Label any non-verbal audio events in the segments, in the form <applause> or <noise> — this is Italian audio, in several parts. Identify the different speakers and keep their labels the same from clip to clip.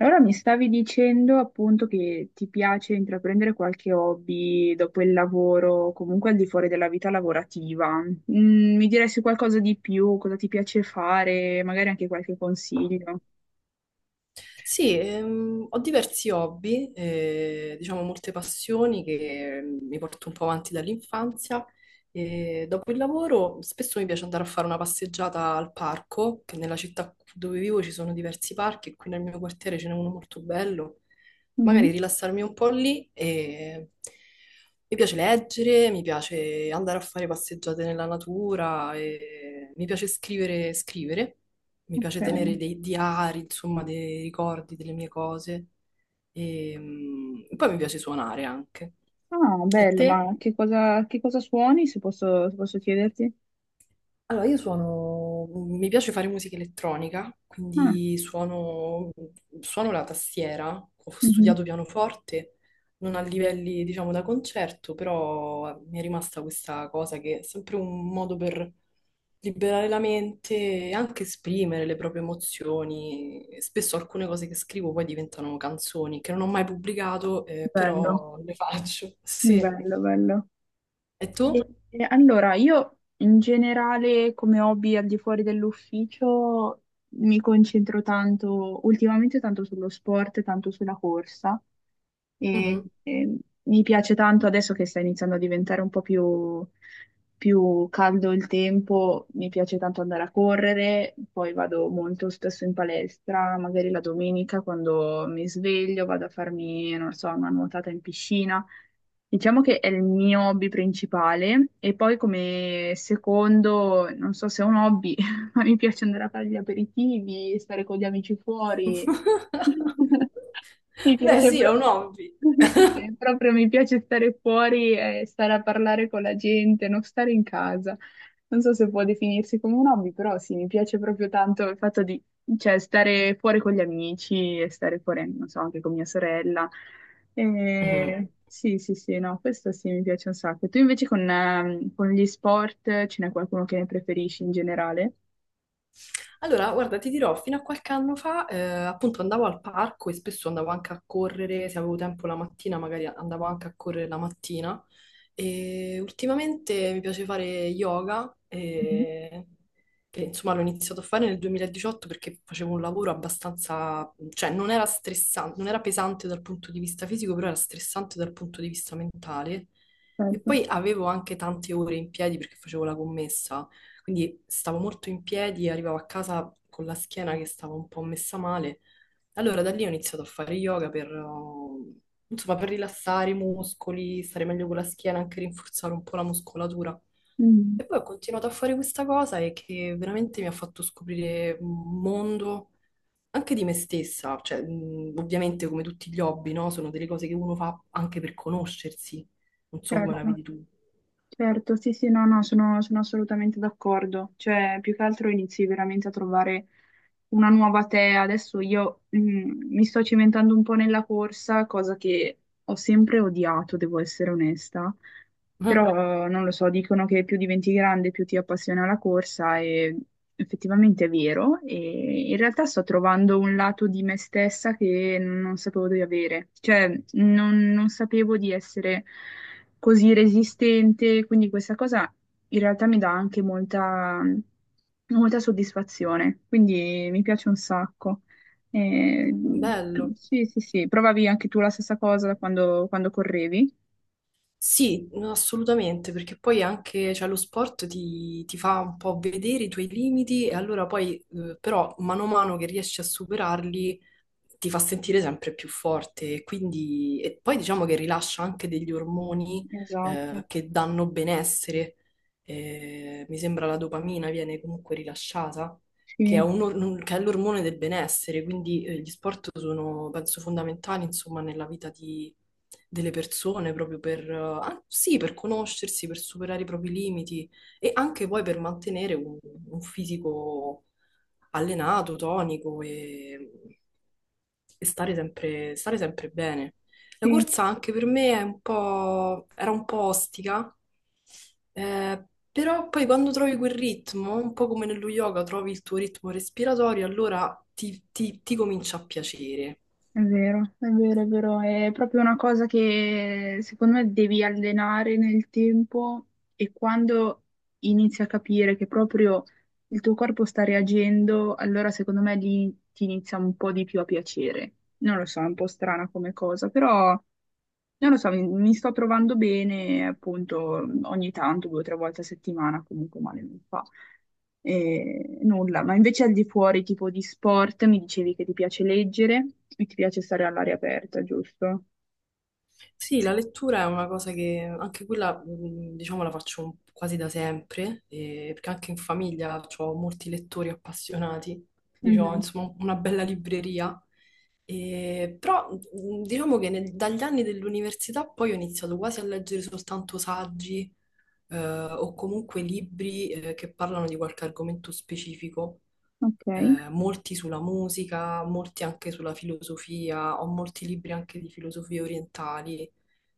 Speaker 1: Allora mi stavi dicendo appunto che ti piace intraprendere qualche hobby dopo il lavoro, comunque al di fuori della vita lavorativa. Mm, mi diresti qualcosa di più, cosa ti piace fare, magari anche qualche consiglio.
Speaker 2: Sì, ho diversi hobby, diciamo molte passioni che mi porto un po' avanti dall'infanzia. E dopo il lavoro spesso mi piace andare a fare una passeggiata al parco, che nella città dove vivo ci sono diversi parchi e qui nel mio quartiere ce n'è uno molto bello.
Speaker 1: Mhm.
Speaker 2: Magari rilassarmi un po' lì e mi piace leggere, mi piace andare a fare passeggiate nella natura, e mi piace scrivere. Mi piace tenere
Speaker 1: Ok.
Speaker 2: dei diari, insomma, dei ricordi delle mie cose. E, poi mi piace suonare anche.
Speaker 1: Ah,
Speaker 2: E
Speaker 1: bello,
Speaker 2: te?
Speaker 1: ma che cosa suoni, se posso chiederti?
Speaker 2: Allora, io mi piace fare musica elettronica,
Speaker 1: Ah,
Speaker 2: quindi suono la tastiera, ho
Speaker 1: mhm.
Speaker 2: studiato pianoforte, non a livelli, diciamo, da concerto, però mi è rimasta questa cosa che è sempre un modo per liberare la mente e anche esprimere le proprie emozioni. Spesso alcune cose che scrivo poi diventano canzoni che non ho mai pubblicato,
Speaker 1: Bello,
Speaker 2: però le faccio. Sì.
Speaker 1: bello, bello.
Speaker 2: E tu?
Speaker 1: Allora, io in generale come hobby al di fuori dell'ufficio mi concentro tanto, ultimamente tanto sullo sport, tanto sulla corsa, e,
Speaker 2: Mhm.
Speaker 1: e mi piace tanto adesso che sta iniziando a diventare un po' più, più caldo il tempo, mi piace tanto andare a correre, poi vado molto spesso in palestra, magari la domenica quando mi sveglio vado a farmi, non so, una nuotata in piscina. Diciamo che è il mio hobby principale e poi come secondo, non so se è un hobby, <laughs> <laughs> mi piace andare a fare gli aperitivi, stare con gli amici fuori.
Speaker 2: <laughs>
Speaker 1: <laughs> Mi
Speaker 2: Beh,
Speaker 1: piace
Speaker 2: sì, è un
Speaker 1: proprio,
Speaker 2: hobby.
Speaker 1: <laughs> sì, proprio mi piace stare fuori e stare a parlare con la gente, non stare in casa. Non so se può definirsi come un hobby, però sì, mi piace proprio tanto il fatto di, cioè, stare fuori con gli amici e stare fuori, non so, anche con mia sorella.
Speaker 2: Mhm.
Speaker 1: E sì, sì, sì, no, questo sì, mi piace un sacco. Tu invece con gli sport ce n'è qualcuno che ne preferisci in generale?
Speaker 2: Allora, guarda, ti dirò, fino a qualche anno fa, appunto andavo al parco e spesso andavo anche a correre, se avevo tempo la mattina, magari andavo anche a correre la mattina. E ultimamente mi piace fare yoga,
Speaker 1: Mhm.
Speaker 2: che insomma l'ho iniziato a fare nel 2018 perché facevo un lavoro abbastanza, cioè non era stressante, non era pesante dal punto di vista fisico, però era stressante dal punto di vista mentale. E
Speaker 1: Certo.
Speaker 2: poi avevo anche tante ore in piedi perché facevo la commessa, quindi stavo molto in piedi, arrivavo a casa con la schiena che stava un po' messa male. Allora da lì ho iniziato a fare yoga per, insomma, per rilassare i muscoli, stare meglio con la schiena, anche rinforzare un po' la muscolatura.
Speaker 1: Mm,
Speaker 2: E poi ho continuato a fare questa cosa e che veramente mi ha fatto scoprire un mondo anche di me stessa, cioè, ovviamente come tutti gli hobby, no? Sono delle cose che uno fa anche per conoscersi. Non so come
Speaker 1: certo,
Speaker 2: la vedi tu.
Speaker 1: certo, sì, sì, no, no, sono assolutamente d'accordo. Cioè, più che altro inizi veramente a trovare una nuova te. Adesso io mi sto cimentando un po' nella corsa, cosa che ho sempre odiato, devo essere onesta.
Speaker 2: <laughs>
Speaker 1: Però non lo so, dicono che più diventi grande, più ti appassiona la corsa e effettivamente è vero. E in realtà sto trovando un lato di me stessa che non sapevo di avere. Cioè, non sapevo di essere così resistente, quindi questa cosa in realtà mi dà anche molta, molta soddisfazione. Quindi mi piace un sacco. Eh,
Speaker 2: Ah, bello.
Speaker 1: sì, sì, sì, provavi anche tu la stessa cosa da quando correvi?
Speaker 2: Sì, no, assolutamente, perché poi anche cioè, lo sport ti fa un po' vedere i tuoi limiti e allora poi, però, mano a mano che riesci a superarli, ti fa sentire sempre più forte. E quindi, e poi diciamo che rilascia anche degli ormoni,
Speaker 1: Esatto.
Speaker 2: che danno benessere. Mi sembra la dopamina viene comunque rilasciata, che è
Speaker 1: Sì,
Speaker 2: che è l'ormone del benessere, quindi gli sport sono, penso, fondamentali, insomma, nella vita delle persone, proprio per, ah, sì, per conoscersi, per superare i propri limiti e anche poi per mantenere un, fisico allenato, tonico e stare sempre bene. La
Speaker 1: sì,
Speaker 2: corsa anche per me era un po' ostica, eh, però poi quando trovi quel ritmo, un po' come nello yoga, trovi il tuo ritmo respiratorio, allora ti comincia a piacere.
Speaker 1: è vero, è vero, è vero, è proprio una cosa che secondo me devi allenare nel tempo e quando inizi a capire che proprio il tuo corpo sta reagendo, allora secondo me lì ti inizia un po' di più a piacere. Non lo so, è un po' strana come cosa, però non lo so, mi sto trovando bene, appunto, ogni tanto, due o tre volte a settimana, comunque male non fa. E nulla, ma invece al di fuori, tipo di sport, mi dicevi che ti piace leggere e ti piace stare all'aria aperta, giusto?
Speaker 2: Sì,
Speaker 1: Sì.
Speaker 2: la lettura è una cosa che anche quella, diciamo, la faccio quasi da sempre, perché anche in famiglia ho molti lettori appassionati, quindi ho
Speaker 1: Mhm.
Speaker 2: insomma una bella libreria. Però diciamo che dagli anni dell'università poi ho iniziato quasi a leggere soltanto saggi, eh, o comunque libri che parlano di qualche argomento specifico,
Speaker 1: Ok.
Speaker 2: molti sulla musica, molti anche sulla filosofia, ho molti libri anche di filosofie orientali,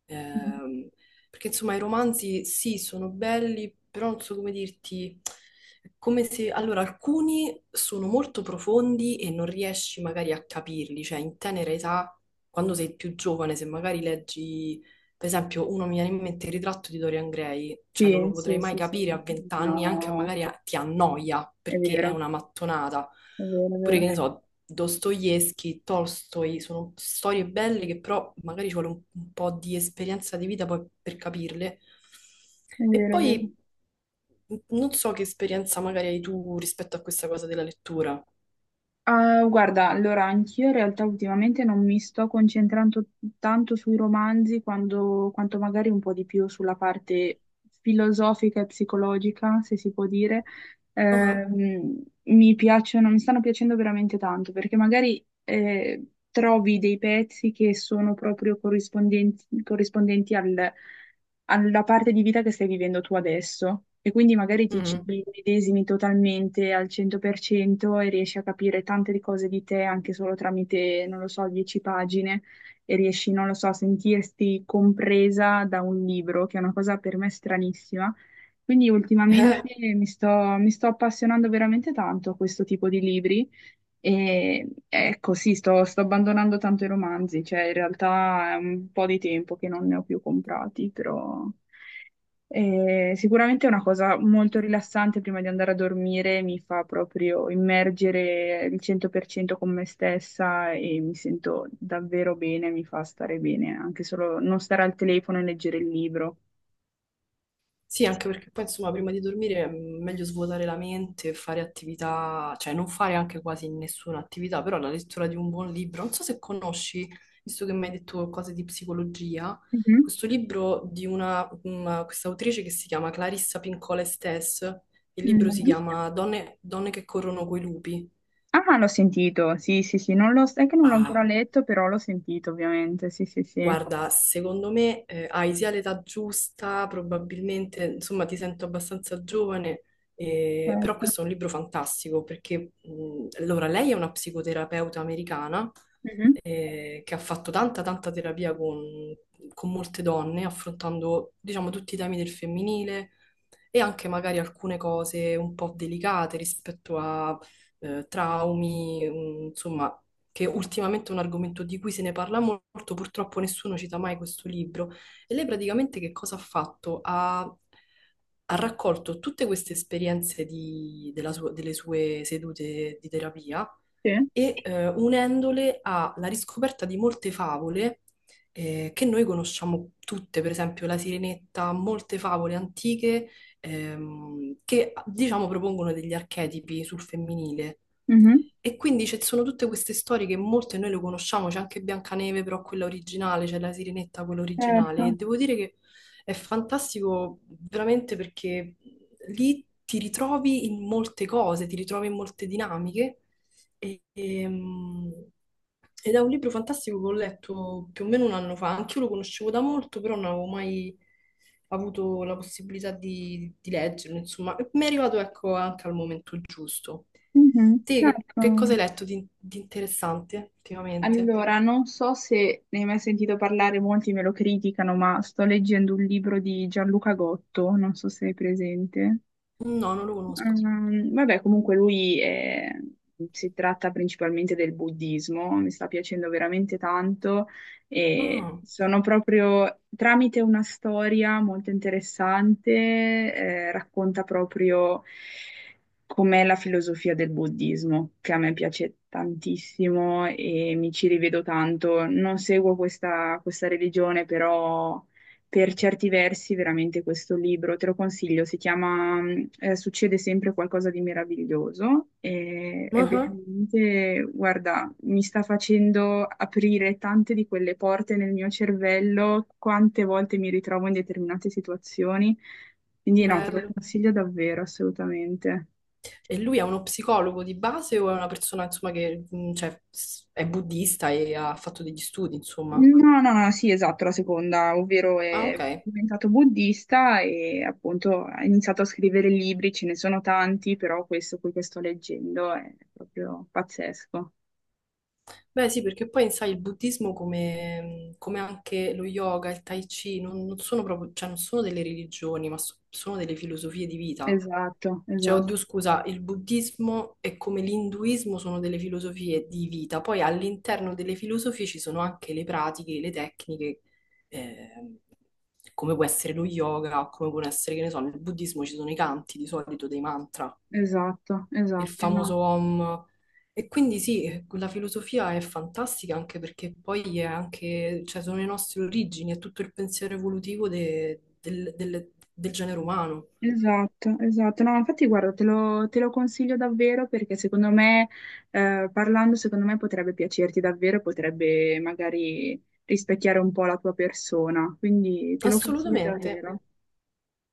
Speaker 2: ehm, perché insomma i romanzi sì, sono belli, però non so come dirti, è come se, allora alcuni sono molto profondi e non riesci magari a capirli, cioè in tenera età, quando sei più giovane, se magari leggi, per esempio, uno mi viene in mente Il ritratto di Dorian Gray, cioè non
Speaker 1: Sì,
Speaker 2: lo potrei
Speaker 1: sì,
Speaker 2: mai
Speaker 1: sì, sì.
Speaker 2: capire a vent'anni, anche
Speaker 1: No,
Speaker 2: magari ti annoia
Speaker 1: è
Speaker 2: perché è
Speaker 1: vero,
Speaker 2: una mattonata.
Speaker 1: è vero, è
Speaker 2: Oppure
Speaker 1: vero,
Speaker 2: che ne so, Dostoevsky, Tolstoi, sono storie belle che però magari ci vuole un, po' di esperienza di vita poi per capirle.
Speaker 1: è
Speaker 2: E
Speaker 1: vero, è vero.
Speaker 2: poi non so che esperienza magari hai tu rispetto a questa cosa della lettura.
Speaker 1: Ah, guarda, allora anch'io in realtà ultimamente non mi sto concentrando tanto sui romanzi quanto magari un po' di più sulla parte filosofica e psicologica, se si può dire.
Speaker 2: Ah,
Speaker 1: Mi piacciono, mi stanno piacendo veramente tanto perché magari trovi dei pezzi che sono proprio corrispondenti, corrispondenti al alla parte di vita che stai vivendo tu adesso e quindi magari
Speaker 2: ah,
Speaker 1: ti ci
Speaker 2: mm.
Speaker 1: medesimi totalmente al 100% e riesci a capire tante cose di te anche solo tramite, non lo so, 10 pagine e riesci, non lo so, a sentirti compresa da un libro, che è una cosa per me stranissima. Quindi ultimamente
Speaker 2: <laughs>
Speaker 1: mi sto, mi sto appassionando veramente tanto a questo tipo di libri e ecco, sì, sto abbandonando tanto i romanzi, cioè in realtà è un po' di tempo che non ne ho più comprati, però sicuramente è una cosa molto rilassante prima di andare a dormire, mi fa proprio immergere il 100% con me stessa e mi sento davvero bene, mi fa stare bene, anche solo non stare al telefono e leggere il libro.
Speaker 2: Sì, anche perché poi insomma prima di dormire è meglio svuotare la mente, fare attività, cioè non fare anche quasi nessuna attività, però la lettura di un buon libro, non so se conosci, visto che mi hai detto cose di psicologia,
Speaker 1: Mhm,
Speaker 2: questo libro di questa autrice che si chiama Clarissa Pincola Estés, il libro si
Speaker 1: mhm.
Speaker 2: chiama Donne, Donne che corrono coi lupi.
Speaker 1: Ah, l'ho sentito, sì, sì, sì, non l'ho, è che non l'ho ancora letto, però l'ho sentito ovviamente, sì, sì, sì.
Speaker 2: Guarda, secondo me hai sia l'età giusta, probabilmente, insomma, ti sento abbastanza giovane, però
Speaker 1: Certo.
Speaker 2: questo è un libro fantastico perché, allora, lei è una psicoterapeuta americana
Speaker 1: Mhm.
Speaker 2: che ha fatto tanta, tanta terapia con molte donne, affrontando, diciamo, tutti i temi del femminile e anche magari alcune cose un po' delicate rispetto a traumi, insomma, che ultimamente è un argomento di cui se ne parla molto, purtroppo nessuno cita mai questo libro. E lei praticamente che cosa ha fatto? Ha raccolto tutte queste esperienze delle sue sedute di terapia
Speaker 1: Sì.
Speaker 2: e unendole alla riscoperta di molte favole, che noi conosciamo tutte, per esempio la Sirenetta, molte favole antiche, che diciamo propongono degli archetipi sul femminile.
Speaker 1: Mhm.
Speaker 2: E quindi ci sono tutte queste storie che molte noi le conosciamo, c'è anche Biancaneve, però quella originale, c'è la Sirenetta, quella originale, e
Speaker 1: Certo.
Speaker 2: devo dire che è fantastico veramente perché lì ti ritrovi in molte cose, ti ritrovi in molte dinamiche, e- ehm, ed è un libro fantastico che ho letto più o meno un anno fa, anch'io lo conoscevo da molto, però non avevo mai avuto la possibilità di leggerlo, insomma, e mi è arrivato ecco anche al momento giusto.
Speaker 1: Mhm.
Speaker 2: Te che cosa
Speaker 1: Certo.
Speaker 2: hai letto di interessante ultimamente?
Speaker 1: Allora, non so se ne hai mai sentito parlare, molti me lo criticano, ma sto leggendo un libro di Gianluca Gotto, non so se è presente.
Speaker 2: No, non lo conosco.
Speaker 1: Vabbè, comunque si tratta principalmente del buddismo, mi sta piacendo veramente tanto e
Speaker 2: Ah,
Speaker 1: sono proprio tramite una storia molto interessante, racconta proprio com'è la filosofia del buddismo, che a me piace tantissimo e mi ci rivedo tanto. Non seguo questa religione, però per certi versi veramente questo libro, te lo consiglio, si chiama Succede sempre qualcosa di meraviglioso e è
Speaker 2: ah,
Speaker 1: veramente, guarda, mi sta facendo aprire tante di quelle porte nel mio cervello, quante volte mi ritrovo in determinate situazioni, quindi no, te lo
Speaker 2: bello.
Speaker 1: consiglio davvero, assolutamente.
Speaker 2: E lui è uno psicologo di base o è una persona, insomma, che cioè, è buddista e ha fatto degli studi, insomma?
Speaker 1: No, no, no, sì, esatto, la seconda, ovvero
Speaker 2: Ah,
Speaker 1: è
Speaker 2: ok.
Speaker 1: diventato buddista e appunto ha iniziato a scrivere libri, ce ne sono tanti, però questo qui che sto leggendo è proprio pazzesco.
Speaker 2: Beh, sì, perché poi, sai, il buddismo come anche lo yoga, il tai chi, non sono proprio, cioè, non sono delle religioni, ma sono delle filosofie di vita.
Speaker 1: Esatto,
Speaker 2: Cioè,
Speaker 1: esatto,
Speaker 2: oddio, scusa, il buddismo e come l'induismo sono delle filosofie di vita, poi all'interno delle filosofie ci sono anche le pratiche, le tecniche, ehm, come può essere lo yoga, o come può essere, che ne so, nel buddismo ci sono i canti di solito dei mantra,
Speaker 1: esatto,
Speaker 2: il
Speaker 1: esatto, no.
Speaker 2: famoso Om. E quindi sì, la filosofia è fantastica anche perché poi è anche, cioè, sono le nostre origini, è tutto il pensiero evolutivo del genere umano.
Speaker 1: Esatto, esatto. No, infatti guarda, te lo consiglio davvero perché secondo me, parlando, secondo me potrebbe piacerti davvero, potrebbe magari rispecchiare un po' la tua persona, quindi te lo consiglio
Speaker 2: Assolutamente.
Speaker 1: davvero.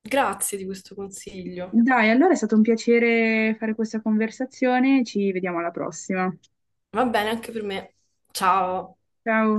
Speaker 2: Grazie di questo consiglio.
Speaker 1: Dai, allora è stato un piacere fare questa conversazione, ci vediamo alla prossima.
Speaker 2: Va bene anche per me. Ciao.
Speaker 1: Ciao.